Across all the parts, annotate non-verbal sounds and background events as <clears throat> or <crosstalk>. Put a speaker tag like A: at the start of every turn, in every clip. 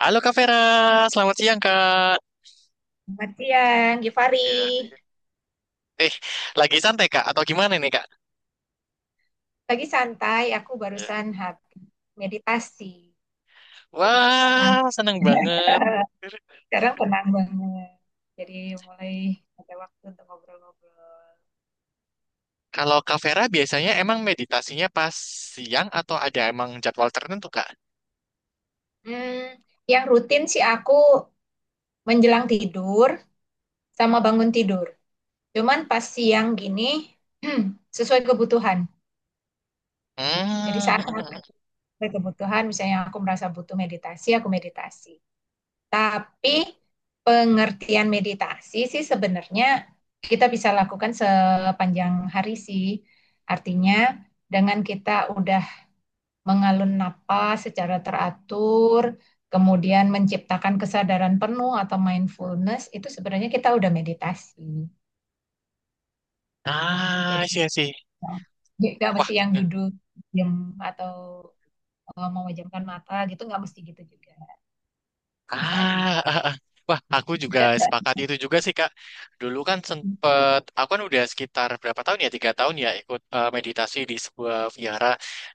A: Halo Kak Vera, selamat siang Kak.
B: Selamat siang, Givari.
A: Ya. Eh, lagi santai Kak atau gimana nih Kak?
B: Lagi santai, aku
A: Ya.
B: barusan habis meditasi. Jadi sekarang
A: Wah, seneng
B: <laughs>
A: banget.
B: sekarang tenang banget. Jadi mulai ada waktu untuk ngobrol-ngobrol.
A: Kalau Kak Vera biasanya emang meditasinya pas siang atau ada emang jadwal tertentu Kak?
B: Hmm, yang rutin sih aku menjelang tidur sama bangun tidur. Cuman pas siang gini <clears throat> sesuai kebutuhan. Jadi
A: Hmm.
B: saat saat
A: <laughs>
B: sesuai kebutuhan, misalnya aku merasa butuh meditasi, aku meditasi. Tapi pengertian meditasi sih sebenarnya kita bisa lakukan sepanjang hari sih. Artinya dengan kita udah mengalun napas secara teratur, kemudian menciptakan kesadaran penuh atau mindfulness, itu sebenarnya kita udah meditasi.
A: Ah,
B: Jadi
A: sih sih.
B: nggak
A: Wah,
B: mesti yang duduk diam atau memejamkan mata gitu, nggak mesti gitu juga, Givari.
A: ah, ah, ah, wah, aku juga sepakat itu juga sih, Kak. Dulu kan sempet, aku kan udah sekitar berapa tahun ya, tiga tahun ya ikut meditasi di sebuah vihara.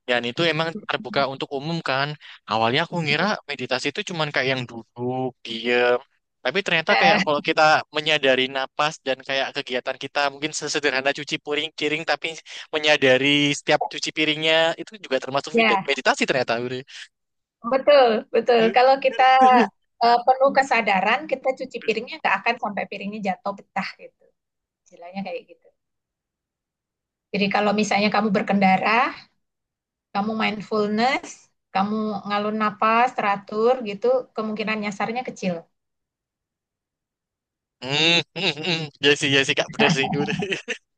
A: Dan itu emang terbuka untuk umum kan. Awalnya aku ngira meditasi itu cuman kayak yang duduk, diem. Tapi ternyata kayak
B: Eh,
A: kalau kita menyadari napas dan kayak kegiatan kita mungkin sesederhana cuci piring, piring tapi menyadari setiap cuci piringnya itu juga termasuk
B: <laughs> ya,
A: meditasi ternyata. Uri.
B: betul, betul. Kalau kita penuh kesadaran, kita cuci piringnya nggak akan sampai piringnya jatuh pecah gitu. Istilahnya kayak gitu. Jadi kalau misalnya kamu berkendara, kamu mindfulness, kamu ngalun napas, teratur gitu, kemungkinan nyasarnya kecil.
A: Hmm, <laughs> ya sih, Kak, bener sih. Udah. <laughs>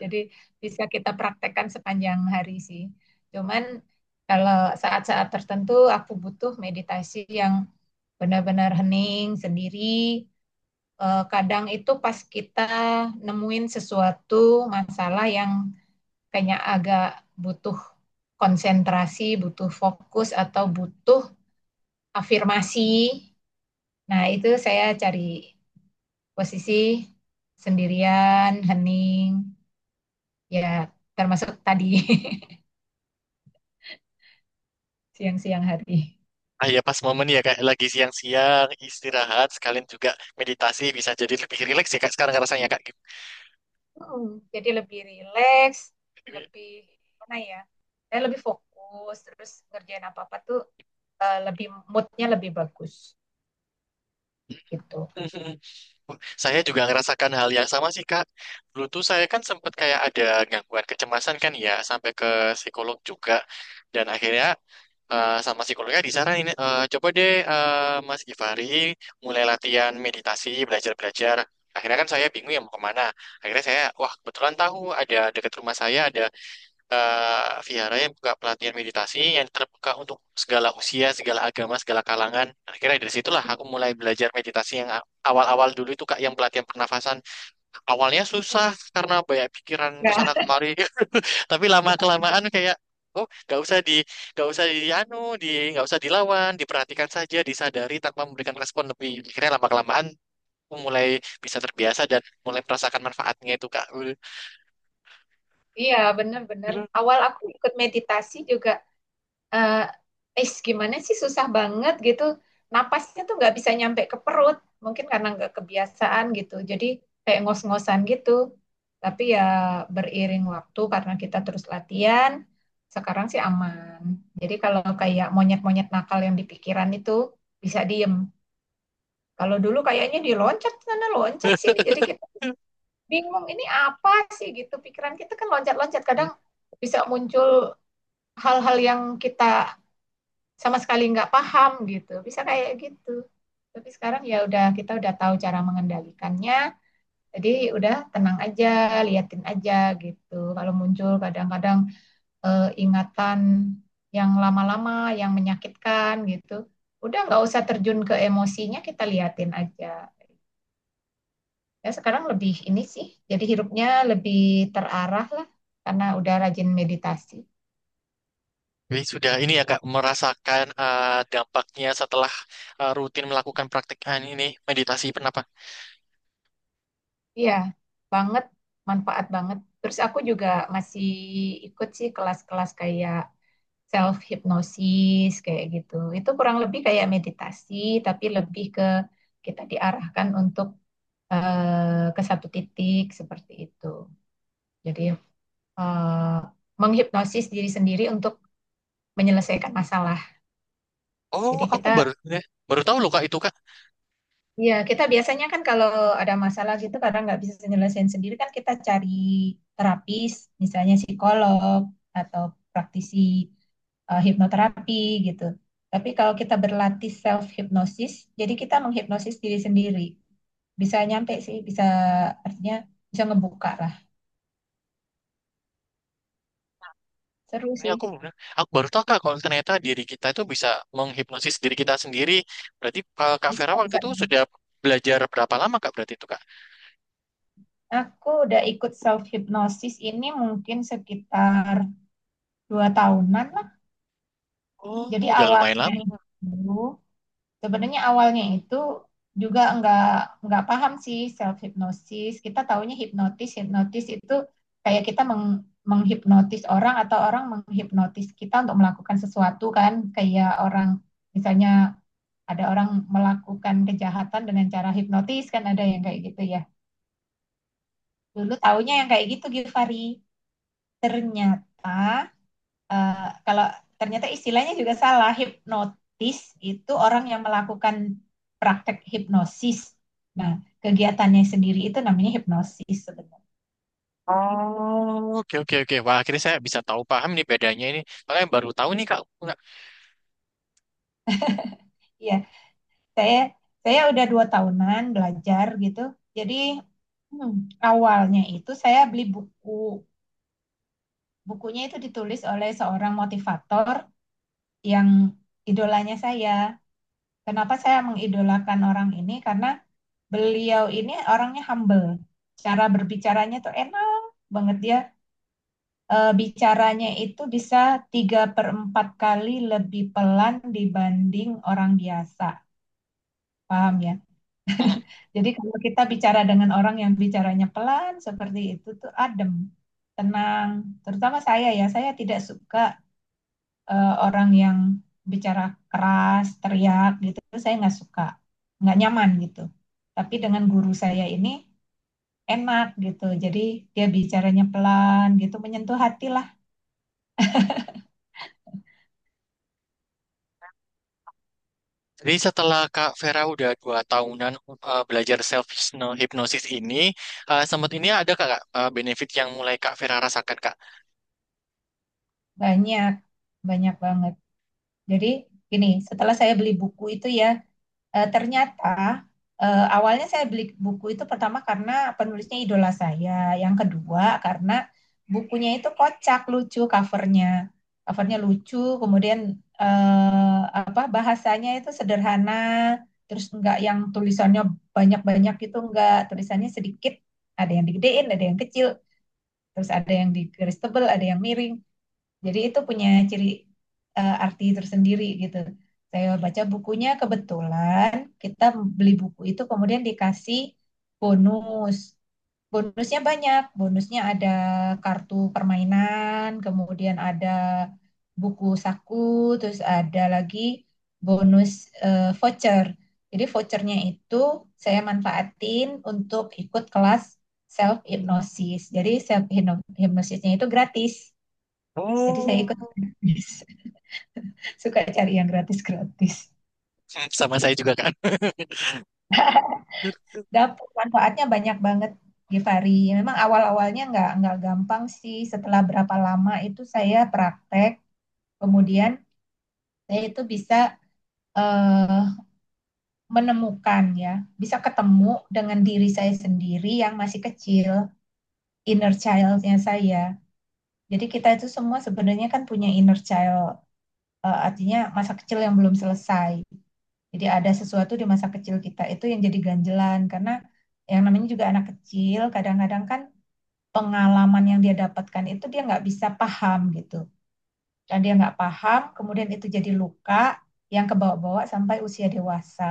B: Jadi bisa kita praktekkan sepanjang hari sih. Cuman kalau saat-saat tertentu aku butuh meditasi yang benar-benar hening, sendiri, kadang itu pas kita nemuin sesuatu masalah yang kayaknya agak butuh konsentrasi, butuh fokus atau butuh afirmasi. Nah, itu saya cari posisi sendirian, hening, ya termasuk tadi <laughs> siang-siang hari.
A: Ah ya, pas momen ya, Kak, lagi siang-siang, istirahat, sekalian juga meditasi, bisa jadi lebih rileks ya, Kak, sekarang rasanya, Kak. Gitu.
B: mm Jadi lebih rileks, lebih mana ya? Saya lebih fokus, terus ngerjain apa-apa tuh lebih moodnya lebih bagus gitu.
A: <laughs> Saya juga ngerasakan hal yang sama sih, Kak. Dulu tuh saya kan sempat kayak ada gangguan kecemasan kan ya, sampai ke psikolog juga. Dan akhirnya sama psikolognya disaranin, coba deh Mas Givari mulai latihan meditasi, belajar-belajar. Akhirnya kan saya bingung ya mau kemana. Akhirnya saya, wah kebetulan tahu ada dekat rumah saya ada vihara yang buka pelatihan meditasi yang terbuka untuk segala usia, segala agama, segala kalangan. Akhirnya dari situlah aku mulai belajar meditasi yang awal-awal dulu itu Kak yang pelatihan pernafasan. Awalnya susah karena banyak pikiran ke sana
B: Ya,
A: kemari, <laughs> tapi lama-kelamaan kayak, oh, nggak usah di anu, di, nggak usah dilawan, diperhatikan saja, disadari tanpa memberikan respon lebih. Akhirnya lama kelamaan mulai bisa terbiasa dan mulai merasakan manfaatnya itu Kak.
B: iya bener-bener. Awal aku ikut meditasi juga, eh "Ih, gimana sih susah banget gitu. Napasnya tuh nggak bisa nyampe ke perut. Mungkin karena nggak kebiasaan gitu. Jadi kayak ngos-ngosan gitu. Tapi ya beriring waktu karena kita terus latihan, sekarang sih aman. Jadi kalau kayak monyet-monyet nakal yang di pikiran itu bisa diem. Kalau dulu kayaknya diloncat sana, loncat sini. Jadi kita bingung ini apa sih gitu, pikiran kita kan loncat-loncat, kadang
A: <laughs>
B: bisa muncul hal-hal yang kita sama sekali nggak paham gitu, bisa kayak gitu. Tapi sekarang ya udah, kita udah tahu cara mengendalikannya, jadi udah tenang aja, liatin aja gitu kalau muncul. Kadang-kadang e, ingatan yang lama-lama yang menyakitkan gitu, udah nggak usah terjun ke emosinya, kita liatin aja. Ya sekarang lebih ini sih, jadi hidupnya lebih terarah lah, karena udah rajin meditasi.
A: Jadi sudah ini ya Kak merasakan dampaknya setelah rutin melakukan praktik ah, ini meditasi kenapa?
B: Iya banget, manfaat banget. Terus aku juga masih ikut sih kelas-kelas kayak self hypnosis, kayak gitu itu kurang lebih kayak meditasi, tapi lebih ke kita diarahkan untuk ke satu titik seperti itu. Jadi eh, menghipnosis diri sendiri untuk menyelesaikan masalah.
A: Oh,
B: Jadi
A: aku
B: kita,
A: baru ya, baru tahu loh Kak itu Kak.
B: iya, kita biasanya kan kalau ada masalah gitu kadang nggak bisa nyelesain sendiri, kan kita cari terapis, misalnya psikolog atau praktisi hipnoterapi gitu. Tapi kalau kita berlatih self hypnosis, jadi kita menghipnosis diri sendiri. Bisa nyampe sih, bisa, artinya bisa ngebuka lah. Seru
A: Ini
B: sih.
A: aku aku baru tahu Kak kalau ternyata diri kita itu bisa menghipnosis diri kita sendiri. Berarti Kak
B: Bisa,
A: Vera waktu
B: bisa.
A: itu sudah belajar berapa lama Kak berarti itu Kak?
B: Aku udah ikut self hypnosis ini mungkin sekitar 2 tahunan lah.
A: Oh,
B: Jadi
A: udah lumayan
B: awalnya
A: lama.
B: itu Sebenarnya awalnya itu juga nggak paham sih self hypnosis. Kita taunya hipnotis, hipnotis itu kayak kita menghipnotis orang, atau orang menghipnotis kita untuk melakukan sesuatu kan, kayak orang misalnya ada orang melakukan kejahatan dengan cara hipnotis, kan ada yang kayak gitu ya. Dulu taunya yang kayak gitu, Givari. Ternyata eh, Kalau ternyata istilahnya juga salah, hipnotis itu orang yang melakukan praktek hipnosis. Nah, kegiatannya sendiri itu namanya hipnosis sebenarnya.
A: Oh, oke oke oke. Wah, akhirnya saya bisa tahu paham nih bedanya ini. Makanya baru tahu nih Kak.
B: Iya, saya saya udah 2 tahunan belajar gitu. Jadi hmm, awalnya itu saya beli buku. Bukunya itu ditulis oleh seorang motivator yang idolanya saya. Kenapa saya mengidolakan orang ini? Karena beliau ini orangnya humble. Cara berbicaranya tuh enak banget dia. Bicaranya itu bisa 3 per 4 kali lebih pelan dibanding orang biasa. Paham ya? Jadi kalau kita bicara dengan orang yang bicaranya pelan seperti itu, tuh adem, tenang. Terutama saya ya, saya tidak suka orang yang bicara keras, teriak gitu. Saya nggak suka, nggak nyaman gitu. Tapi dengan guru saya ini enak gitu. Jadi dia bicaranya pelan gitu, menyentuh hati lah.
A: Jadi setelah Kak Vera udah dua tahunan belajar self hypnosis ini, sempat ini ada Kak, Kak, benefit yang mulai Kak Vera rasakan Kak?
B: Banyak, banyak banget. Jadi gini, setelah saya beli buku itu ya, ternyata awalnya saya beli buku itu pertama karena penulisnya idola saya. Yang kedua karena bukunya itu kocak, lucu covernya. Covernya lucu, kemudian apa bahasanya itu sederhana, terus enggak yang tulisannya banyak-banyak gitu, enggak tulisannya sedikit, ada yang digedein, ada yang kecil, terus ada yang di garis tebal, ada yang miring. Jadi itu punya ciri arti tersendiri gitu. Saya baca bukunya, kebetulan kita beli buku itu kemudian dikasih bonus bonusnya banyak. Bonusnya ada kartu permainan, kemudian ada buku saku, terus ada lagi bonus voucher. Jadi vouchernya itu saya manfaatin untuk ikut kelas self hypnosis. Jadi self hypnosisnya itu gratis. Jadi saya ikut
A: Oh,
B: gratis. <laughs> Suka cari yang gratis-gratis.
A: sama saya juga Kak. <laughs>
B: Dapur manfaatnya banyak banget, Givari. Memang awal-awalnya nggak gampang sih. Setelah berapa lama itu saya praktek, kemudian saya itu bisa eh, menemukan ya, bisa ketemu dengan diri saya sendiri yang masih kecil, inner child-nya saya. Jadi kita itu semua sebenarnya kan punya inner child, artinya masa kecil yang belum selesai. Jadi ada sesuatu di masa kecil kita itu yang jadi ganjelan, karena yang namanya juga anak kecil, kadang-kadang kan pengalaman yang dia dapatkan itu dia nggak bisa paham gitu. Dan dia nggak paham, kemudian itu jadi luka yang kebawa-bawa sampai usia dewasa.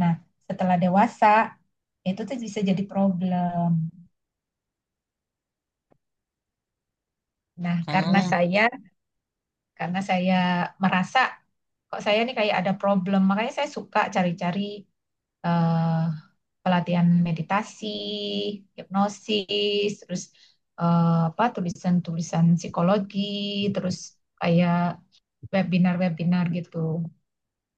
B: Nah, setelah dewasa itu tuh bisa jadi problem. Nah, karena
A: Hmm.
B: saya karena saya merasa kok saya nih kayak ada problem, makanya saya suka cari-cari eh, pelatihan meditasi, hipnosis, terus apa tulisan-tulisan psikologi, terus kayak webinar-webinar gitu.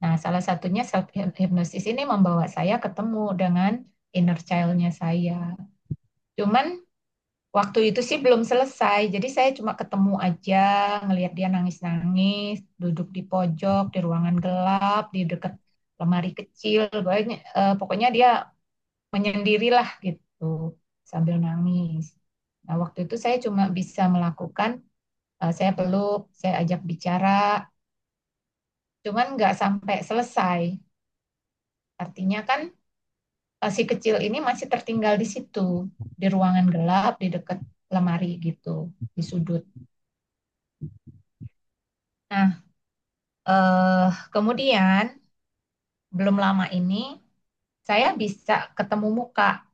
B: Nah, salah satunya self hypnosis ini membawa saya ketemu dengan inner child-nya saya. Cuman waktu itu sih belum selesai, jadi saya cuma ketemu aja, ngelihat dia nangis-nangis, duduk di pojok, di ruangan gelap, di dekat lemari kecil, banyak, pokoknya dia menyendirilah gitu sambil nangis. Nah, waktu itu saya cuma bisa melakukan, saya peluk, saya ajak bicara, cuman nggak sampai selesai. Artinya kan si kecil ini masih tertinggal di situ, di ruangan gelap, di dekat lemari gitu, di sudut. Nah, eh, kemudian belum lama ini saya bisa ketemu muka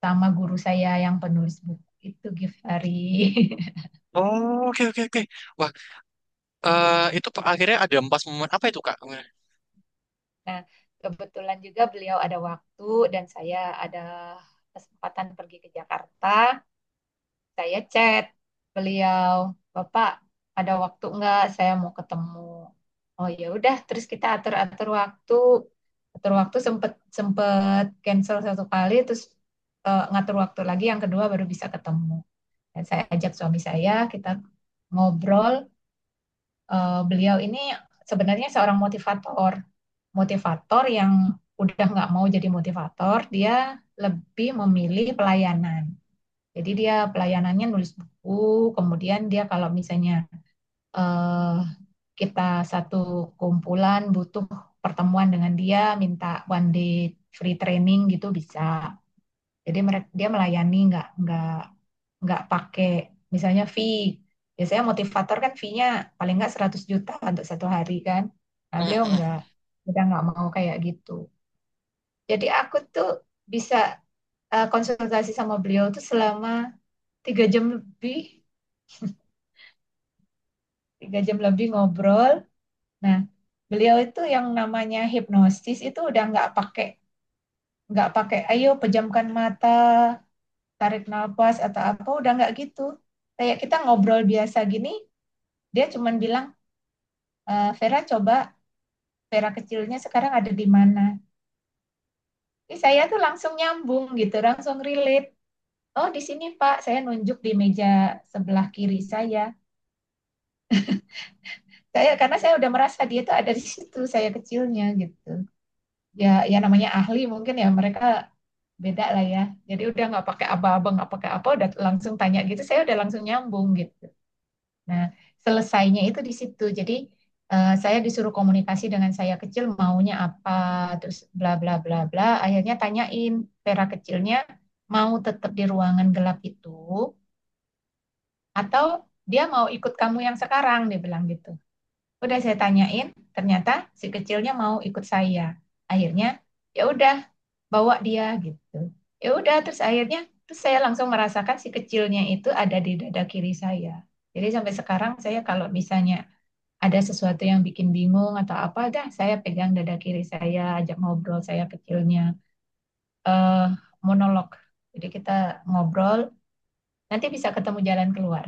B: sama guru saya yang penulis buku itu, Gifari.
A: Oh, oke oke oke. Wah, itu Pak, akhirnya ada empat momen apa itu Kak? Hmm,
B: <laughs> Nah, kebetulan juga beliau ada waktu dan saya ada kesempatan pergi ke Jakarta. Saya chat beliau, "Bapak ada waktu nggak? Saya mau ketemu." Oh ya udah, terus kita atur-atur waktu. Atur waktu sempet sempet cancel 1 kali, terus ngatur waktu lagi yang kedua baru bisa ketemu. Dan saya ajak suami saya, kita ngobrol. Beliau ini sebenarnya seorang motivator, motivator yang udah nggak mau jadi motivator, dia lebih memilih pelayanan. Jadi dia pelayanannya nulis buku, kemudian dia kalau misalnya eh, kita satu kumpulan butuh pertemuan dengan dia, minta one day free training gitu bisa. Jadi mereka, dia melayani nggak pakai misalnya fee. Biasanya motivator kan fee-nya paling nggak 100 juta untuk 1 hari kan. Nah,
A: hmm,
B: beliau
A: hmm.
B: nggak, kita nggak mau kayak gitu. Jadi aku tuh bisa konsultasi sama beliau tuh selama 3 jam lebih, 3 jam lebih ngobrol. Nah, beliau itu yang namanya hipnosis itu udah nggak pakai, ayo pejamkan mata, tarik nafas atau apa, udah nggak gitu. Kayak kita ngobrol biasa gini, dia cuman bilang, e, Vera coba, Vera kecilnya sekarang ada di mana. Ini saya tuh langsung nyambung gitu, langsung relate. Oh di sini Pak, saya nunjuk di meja sebelah kiri saya. Karena saya udah merasa dia tuh ada di situ, saya kecilnya gitu. Ya ya, namanya ahli mungkin ya, mereka beda lah ya. Jadi udah nggak pakai aba-aba, nggak pakai apa, udah langsung tanya gitu. Saya udah langsung nyambung gitu. Nah, selesainya itu di situ. Jadi saya disuruh komunikasi dengan saya kecil maunya apa, terus bla bla bla bla. Akhirnya tanyain Vera kecilnya mau tetap di ruangan gelap itu atau dia mau ikut kamu yang sekarang, dia bilang gitu. Udah saya tanyain, ternyata si kecilnya mau ikut saya. Akhirnya ya udah bawa dia gitu. Ya udah, terus akhirnya, terus saya langsung merasakan si kecilnya itu ada di dada kiri saya. Jadi sampai sekarang saya kalau misalnya ada sesuatu yang bikin bingung atau apa, dah saya pegang dada kiri saya, ajak ngobrol saya kecilnya. eh Monolog. Jadi kita ngobrol, nanti bisa ketemu jalan keluar.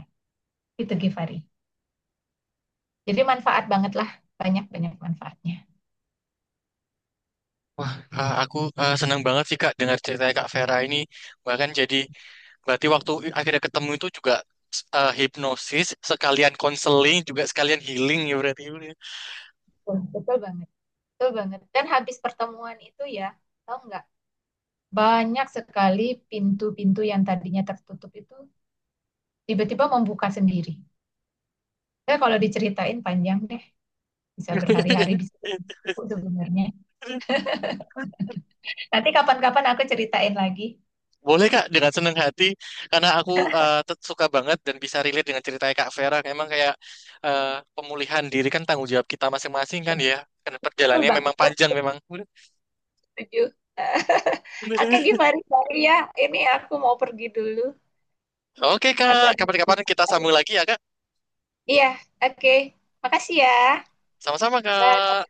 B: Itu Givari. Jadi manfaat banget lah, banyak-banyak manfaatnya.
A: Wah, aku senang banget sih Kak dengar cerita Kak Vera ini. Bahkan jadi berarti waktu akhirnya ketemu itu juga hipnosis sekalian konseling juga sekalian healing ya berarti.
B: Betul, betul banget, betul banget. Dan habis pertemuan itu ya, tahu nggak? Banyak sekali pintu-pintu yang tadinya tertutup itu tiba-tiba membuka sendiri. Saya kalau diceritain panjang deh, bisa berhari-hari, bisa
A: <laughs>
B: berbuku sebenarnya. Nanti kapan-kapan aku ceritain lagi.
A: Boleh Kak, dengan senang hati karena aku tet- suka banget dan bisa relate dengan ceritanya Kak Vera. Memang kayak eh, pemulihan diri kan tanggung jawab kita masing-masing kan
B: Ya,
A: ya. Karena
B: betul
A: perjalanannya memang panjang
B: banget.
A: memang.
B: Setuju. Eh, Oke,
A: <laughs>
B: gimana, sorry ya? Ini aku mau pergi dulu.
A: Oke
B: Aku
A: Kak,
B: ada.
A: kapan-kapan kita sambung lagi ya Kak.
B: Iya, oke. Makasih ya.
A: Sama-sama
B: Bye.
A: Kak.